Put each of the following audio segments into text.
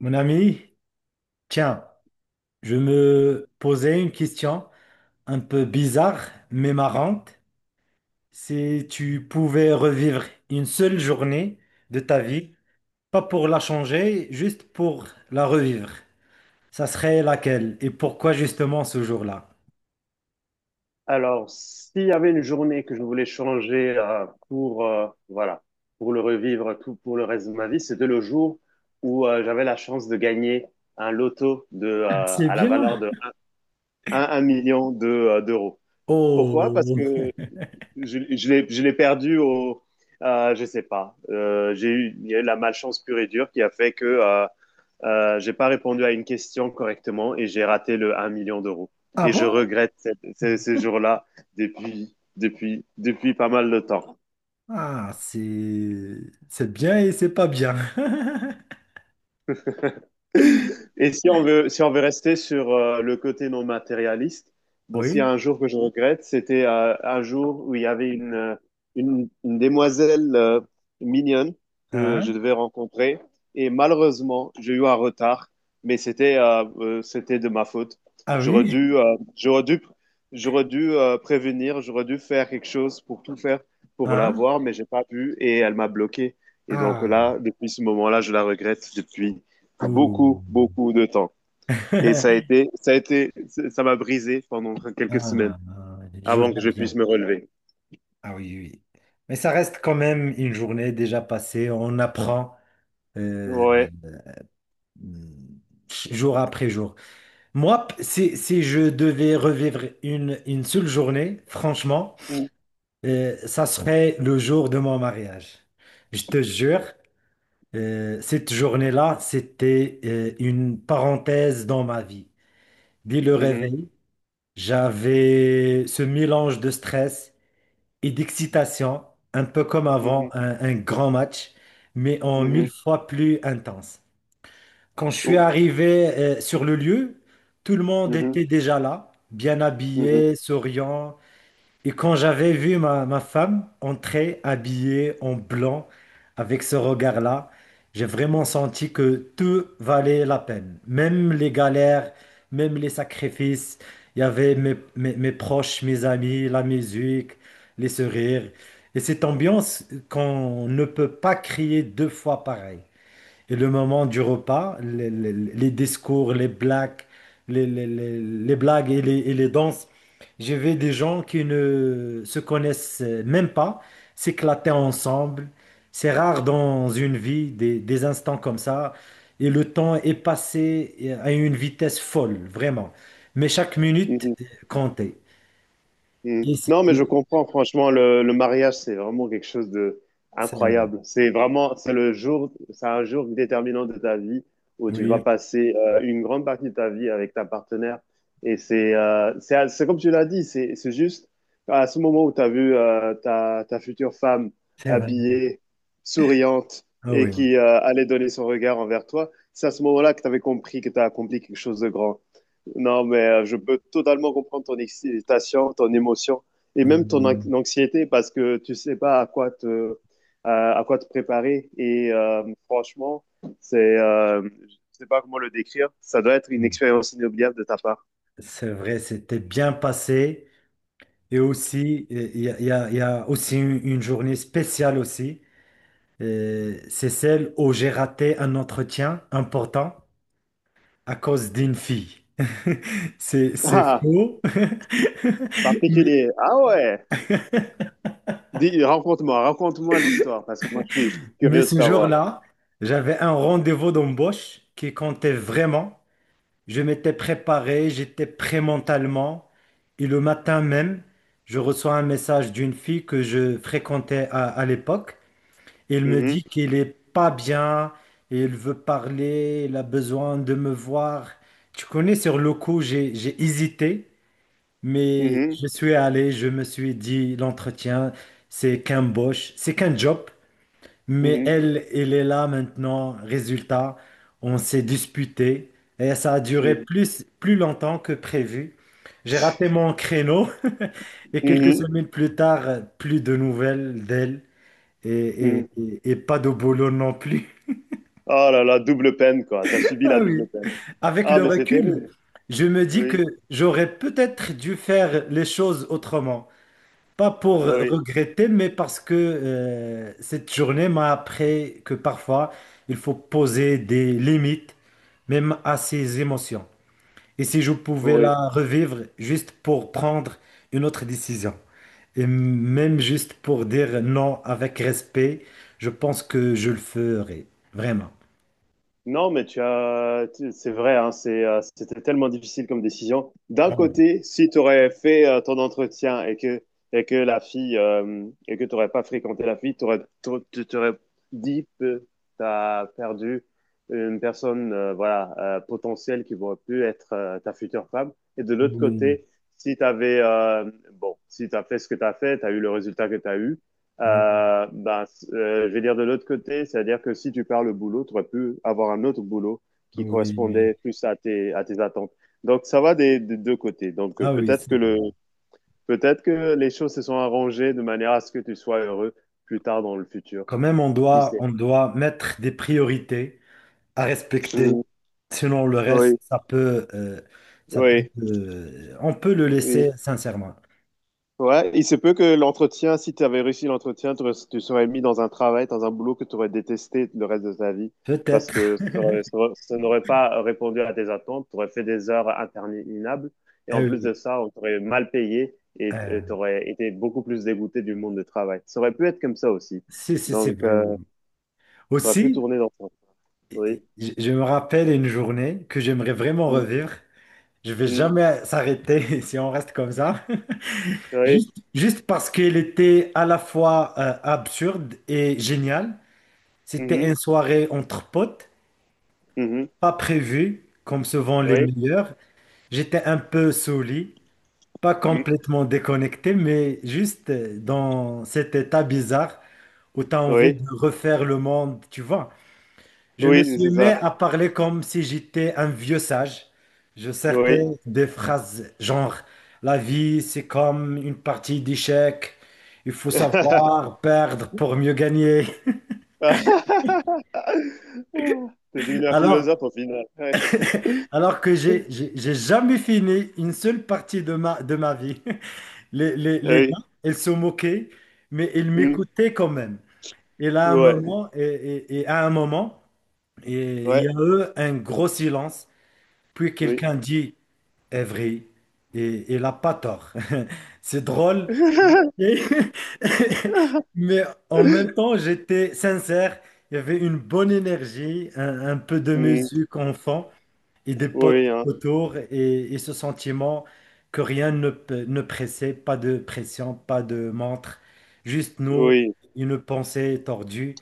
Mon ami, tiens, je me posais une question un peu bizarre mais marrante. Si tu pouvais revivre une seule journée de ta vie, pas pour la changer, juste pour la revivre, ça serait laquelle et pourquoi justement ce jour-là? Alors, s'il y avait une journée que je voulais changer pour voilà, pour le revivre tout pour le reste de ma vie, c'était le jour où j'avais la chance de gagner un loto de C'est à la bien. valeur de un 1 million de, d'euros. Pourquoi? Parce Oh, que je l'ai perdu au je sais pas. Il y a eu la malchance pure et dure qui a fait que j'ai pas répondu à une question correctement et j'ai raté le 1 million d'euros. ah Et je bon? regrette ces jours-là depuis pas mal de temps. Ah, c'est bien et c'est pas bien. Et si on veut rester sur le côté non matérialiste, bon, s'il y a Oui, un jour que je regrette, c'était un jour où il y avait une demoiselle mignonne que je hein? devais rencontrer. Et malheureusement, j'ai eu un retard, mais c'était de ma faute. Ah J'aurais oui, dû, euh, j'aurais dû, j'aurais dû prévenir, j'aurais dû faire quelque chose pour tout faire pour la hein? voir, mais j'ai pas pu et elle m'a bloqué. Et donc Ah, là, depuis ce moment-là, je la regrette depuis beaucoup, ouh. beaucoup de temps. Et ça m'a brisé pendant Ah, quelques semaines ah, ah, je avant que vois je bien. puisse me relever. Ah oui, oui. Mais ça reste quand même une journée déjà passée. On apprend euh, Ouais. euh, jour après jour. Moi, si je devais revivre une seule journée, franchement, Mhm, ça serait le jour de mon mariage. Je te jure, cette journée-là, c'était une parenthèse dans ma vie. Dès le mhm, réveil, j'avais ce mélange de stress et d'excitation, un peu comme avant mhm, un grand match, mais en mille mhm. fois plus intense. Quand je suis Oh, arrivé sur le lieu, tout le monde mhm, était déjà là, bien mhm, habillé, souriant, et quand j'avais vu ma femme entrer habillée en blanc avec ce regard-là, j'ai vraiment senti que tout valait la peine. Même les galères, même les sacrifices. Il y avait mes proches, mes amis, la musique, les sourires. Et cette ambiance qu'on ne peut pas crier deux fois pareil. Et le moment du repas, les discours, les blagues, les blagues et les danses, j'ai vu des gens qui ne se connaissent même pas s'éclater ensemble. C'est rare dans une vie des instants comme ça. Et le temps est passé à une vitesse folle, vraiment. Mais chaque minute mhm. comptait. Mm. Et c'est Non, mais je comprends, franchement, le mariage, c'est vraiment quelque chose de c'est vrai. incroyable. C'est vraiment, c'est un jour déterminant de ta vie où tu vas Oui, passer une grande partie de ta vie avec ta partenaire. Et c'est comme tu l'as dit, c'est juste à ce moment où tu as vu ta future femme c'est vrai. habillée, souriante Ah et oui, qui allait donner son regard envers toi, c'est à ce moment-là que tu avais compris que tu as accompli quelque chose de grand. Non, mais je peux totalement comprendre ton excitation, ton émotion et oui, même ton oui, anxiété parce que tu sais pas à quoi te préparer. Et franchement, je sais pas comment le décrire. Ça doit être une oui. expérience inoubliable de ta part. C'est vrai, c'était bien passé. Et aussi, il y a, il y a- il y a aussi une journée spéciale aussi. C'est celle où j'ai raté un entretien important à cause d'une fille. C'est Ah, faux. Mais, particulier. Ah ouais. Dis, raconte-moi l'histoire, parce que moi, je suis mais curieux de ce savoir. jour-là, j'avais un rendez-vous d'embauche qui comptait vraiment. Je m'étais préparé, j'étais prêt mentalement. Et le matin même, je reçois un message d'une fille que je fréquentais à l'époque. Il me Mhm, dit qu'il est pas bien, il veut parler, il a besoin de me voir. Tu connais, sur le coup, j'ai hésité, mais mhm, je suis allé, je me suis dit, l'entretien, c'est qu'un boss, c'est qu'un job, mais mhm, elle, elle est là maintenant. Résultat, on s'est disputé et ça a duré mhm, plus longtemps que prévu. J'ai raté mon créneau et quelques mhm, semaines plus tard, plus de nouvelles d'elle et, et- mhm. et- et pas de boulot non plus. Oh là là, double peine, quoi. T'as subi Ah la oui. double peine. Avec Ah, le mais c'est terrible. recul, je me dis que Oui, j'aurais peut-être dû faire les choses autrement. Pas pour oui, regretter, mais parce que cette journée m'a appris que parfois, il faut poser des limites, même à ses émotions. Et si je pouvais oui. la revivre juste pour prendre une autre décision, et même juste pour dire non avec respect, je pense que je le ferais, vraiment. Non, mais c'est vrai, hein, c'était tellement difficile comme décision. D'un Ah, oui, côté, si tu aurais fait ton entretien et que tu n'aurais pas fréquenté la fille, tu t'aurais dit que tu as perdu une personne, voilà, potentielle qui aurait pu être ta future femme. Et de l'autre oui, côté, si tu avais, bon, si tu as fait ce que tu as fait, tu as eu le résultat que tu as eu. oui, Ben, je vais dire de l'autre côté, c'est-à-dire que si tu perds le boulot, tu aurais pu avoir un autre boulot qui oui. correspondait plus à tes attentes. Donc, ça va des deux côtés. Donc, Ah oui, c'est vrai. Peut-être que les choses se sont arrangées de manière à ce que tu sois heureux plus tard dans le futur. Quand même, on Qui doit, sait? on doit mettre des priorités à respecter. Mhm. Sinon, le Oui, reste, oui, on peut le oui. laisser sincèrement. Ouais, il se peut que l'entretien, si tu avais réussi l'entretien, tu serais mis dans un travail, dans un boulot que tu aurais détesté le reste de ta vie parce Peut-être. que ça n'aurait pas répondu à tes attentes, tu aurais fait des heures interminables et Ah en plus oui. de ça, on t'aurait mal payé et euh, tu aurais été beaucoup plus dégoûté du monde du travail. Ça aurait pu être comme ça aussi. Si, si, c'est Donc, vrai. Oui. ça aurait pu Aussi, tourner dans ça. Oui. je me rappelle une journée que j'aimerais vraiment Mm, revivre. Je vais mm, jamais s'arrêter si on reste comme ça. oui. Juste parce qu'elle était à la fois absurde et géniale. C'était Mhm, une soirée entre potes, mhm, pas prévue, comme souvent les oui. meilleurs. J'étais un peu saouli, pas Mm, complètement déconnecté, mais juste dans cet état bizarre où tu as envie oui. de refaire le monde, tu vois. Je me Oui, suis c'est mis ça. à parler comme si j'étais un vieux sage. Je sortais Oui. des phrases genre: la vie, c'est comme une partie d'échecs. Il faut savoir perdre pour mieux gagner. T'es devenu un philosophe Alors, au final. Ouais. alors que j'ai jamais fini une seule partie de ma vie. Les gars, Oui. ils se moquaient, mais ils Mm. m'écoutaient quand même. Et là, un Ouais. moment, et à un moment, et il y a Ouais. eu un gros silence. Puis Oui. quelqu'un dit: est vrai. Et il n'a pas tort. C'est drôle. Et- Mais en même temps, j'étais sincère. Il y avait une bonne énergie, un peu de Mm. musique en fond et des potes Oui, hein. autour et ce sentiment que rien ne pressait, pas de pression, pas de montre, juste nous, Oui. une pensée tordue.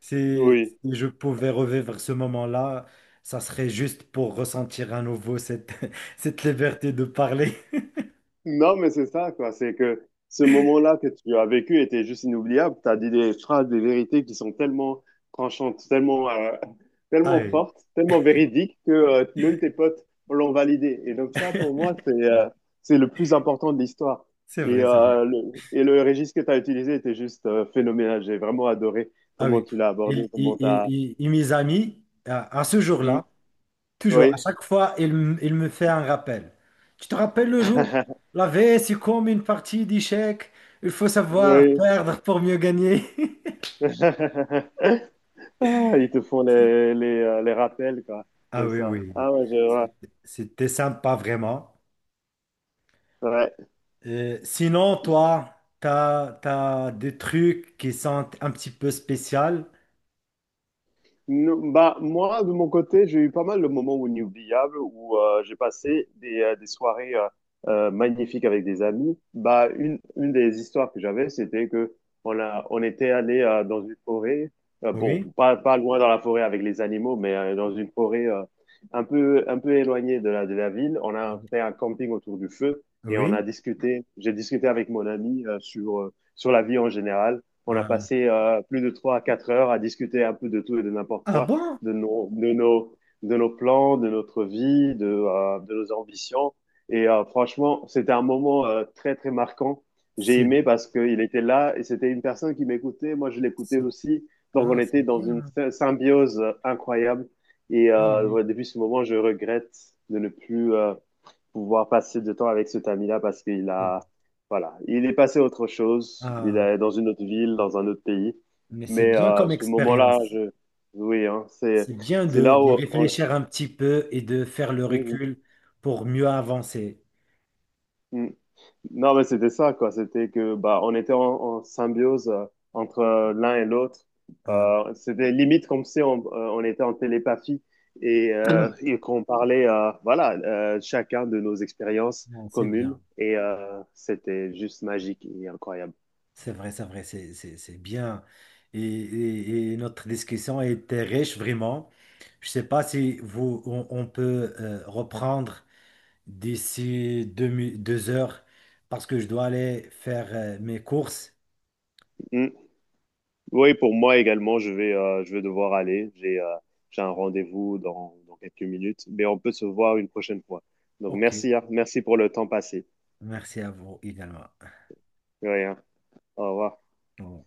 Si, Oui. si je pouvais revivre ce moment-là, ça serait juste pour ressentir à nouveau cette, cette liberté de parler. Non, mais c'est ça, quoi. C'est que ce moment-là que tu as vécu était juste inoubliable. Tu as dit des phrases, des vérités qui sont tellement tranchantes, tellement, Ah tellement oui, fortes, tellement véridiques que même tes potes l'ont validé. Et donc ça, pour moi, c'est le plus important de l'histoire. c'est Et, vrai, c'est vrai. Et le registre que tu as utilisé était juste phénoménal. J'ai vraiment adoré Ah comment oui. tu l'as abordé, comment tu as... Mes amis, à ce jour-là, toujours, à Oui, chaque fois, il me fait un rappel. Tu te rappelles le jour? La vie, c'est comme une partie d'échecs. Il faut savoir oui. perdre pour mieux gagner. Ah, ils te font les, les rappels, quoi, Ah comme oui, ça. oui. Ah ouais, je vois. C'était sympa, vraiment. Ouais. Sinon, toi, t'as des trucs qui sont un petit peu spéciaux. Non, bah, moi, de mon côté, j'ai eu pas mal de moments inoubliables où j'ai passé des soirées magnifiques avec des amis. Bah, une des histoires que j'avais, c'était que on était allé dans une forêt, bon, Oui, pas loin dans la forêt avec les animaux, mais dans une forêt un peu éloignée de la, ville. On a fait un camping autour du feu et oui. J'ai discuté avec mon ami sur la vie en général. On a Euh, passé plus de 3 à 4 heures à discuter un peu de tout et de n'importe ah quoi, bon? de nos, de nos, de nos plans, de notre vie, de nos ambitions. Et franchement, c'était un moment très, très marquant. J'ai C'est, aimé parce qu'il était là et c'était une personne qui m'écoutait. Moi, je l'écoutais c'est, aussi. Donc, ah, on c'est était dans une bien. Symbiose incroyable. Et Ah, mais, ouais, depuis ce moment, je regrette de ne plus pouvoir passer de temps avec cet ami-là parce qu'il a, voilà, il est passé à autre chose, il ah, est dans une autre ville, dans un autre pays. mais c'est Mais bien comme ce moment-là, expérience. Oui, hein, c'est, C'est bien c'est là de où on, réfléchir un petit peu et de faire le Mhm, recul pour mieux avancer. mhm. Non, mais c'était ça, quoi. C'était que, bah, on était en symbiose entre l'un et l'autre. Ah, C'était limite comme si on était en télépathie et qu'on parlait, voilà, chacun de nos expériences bon, c'est communes. bien. Et c'était juste magique et incroyable. C'est vrai, c'est vrai, c'est bien. Et, et notre discussion a été riche, vraiment. Je ne sais pas si vous, on peut reprendre d'ici deux heures parce que je dois aller faire mes courses. Mm. Oui, pour moi également, je vais devoir aller. J'ai un rendez-vous dans quelques minutes, mais on peut se voir une prochaine fois. Donc, Ok. merci, hein. Merci pour le temps passé. Merci à vous également. De rien. Au revoir. Au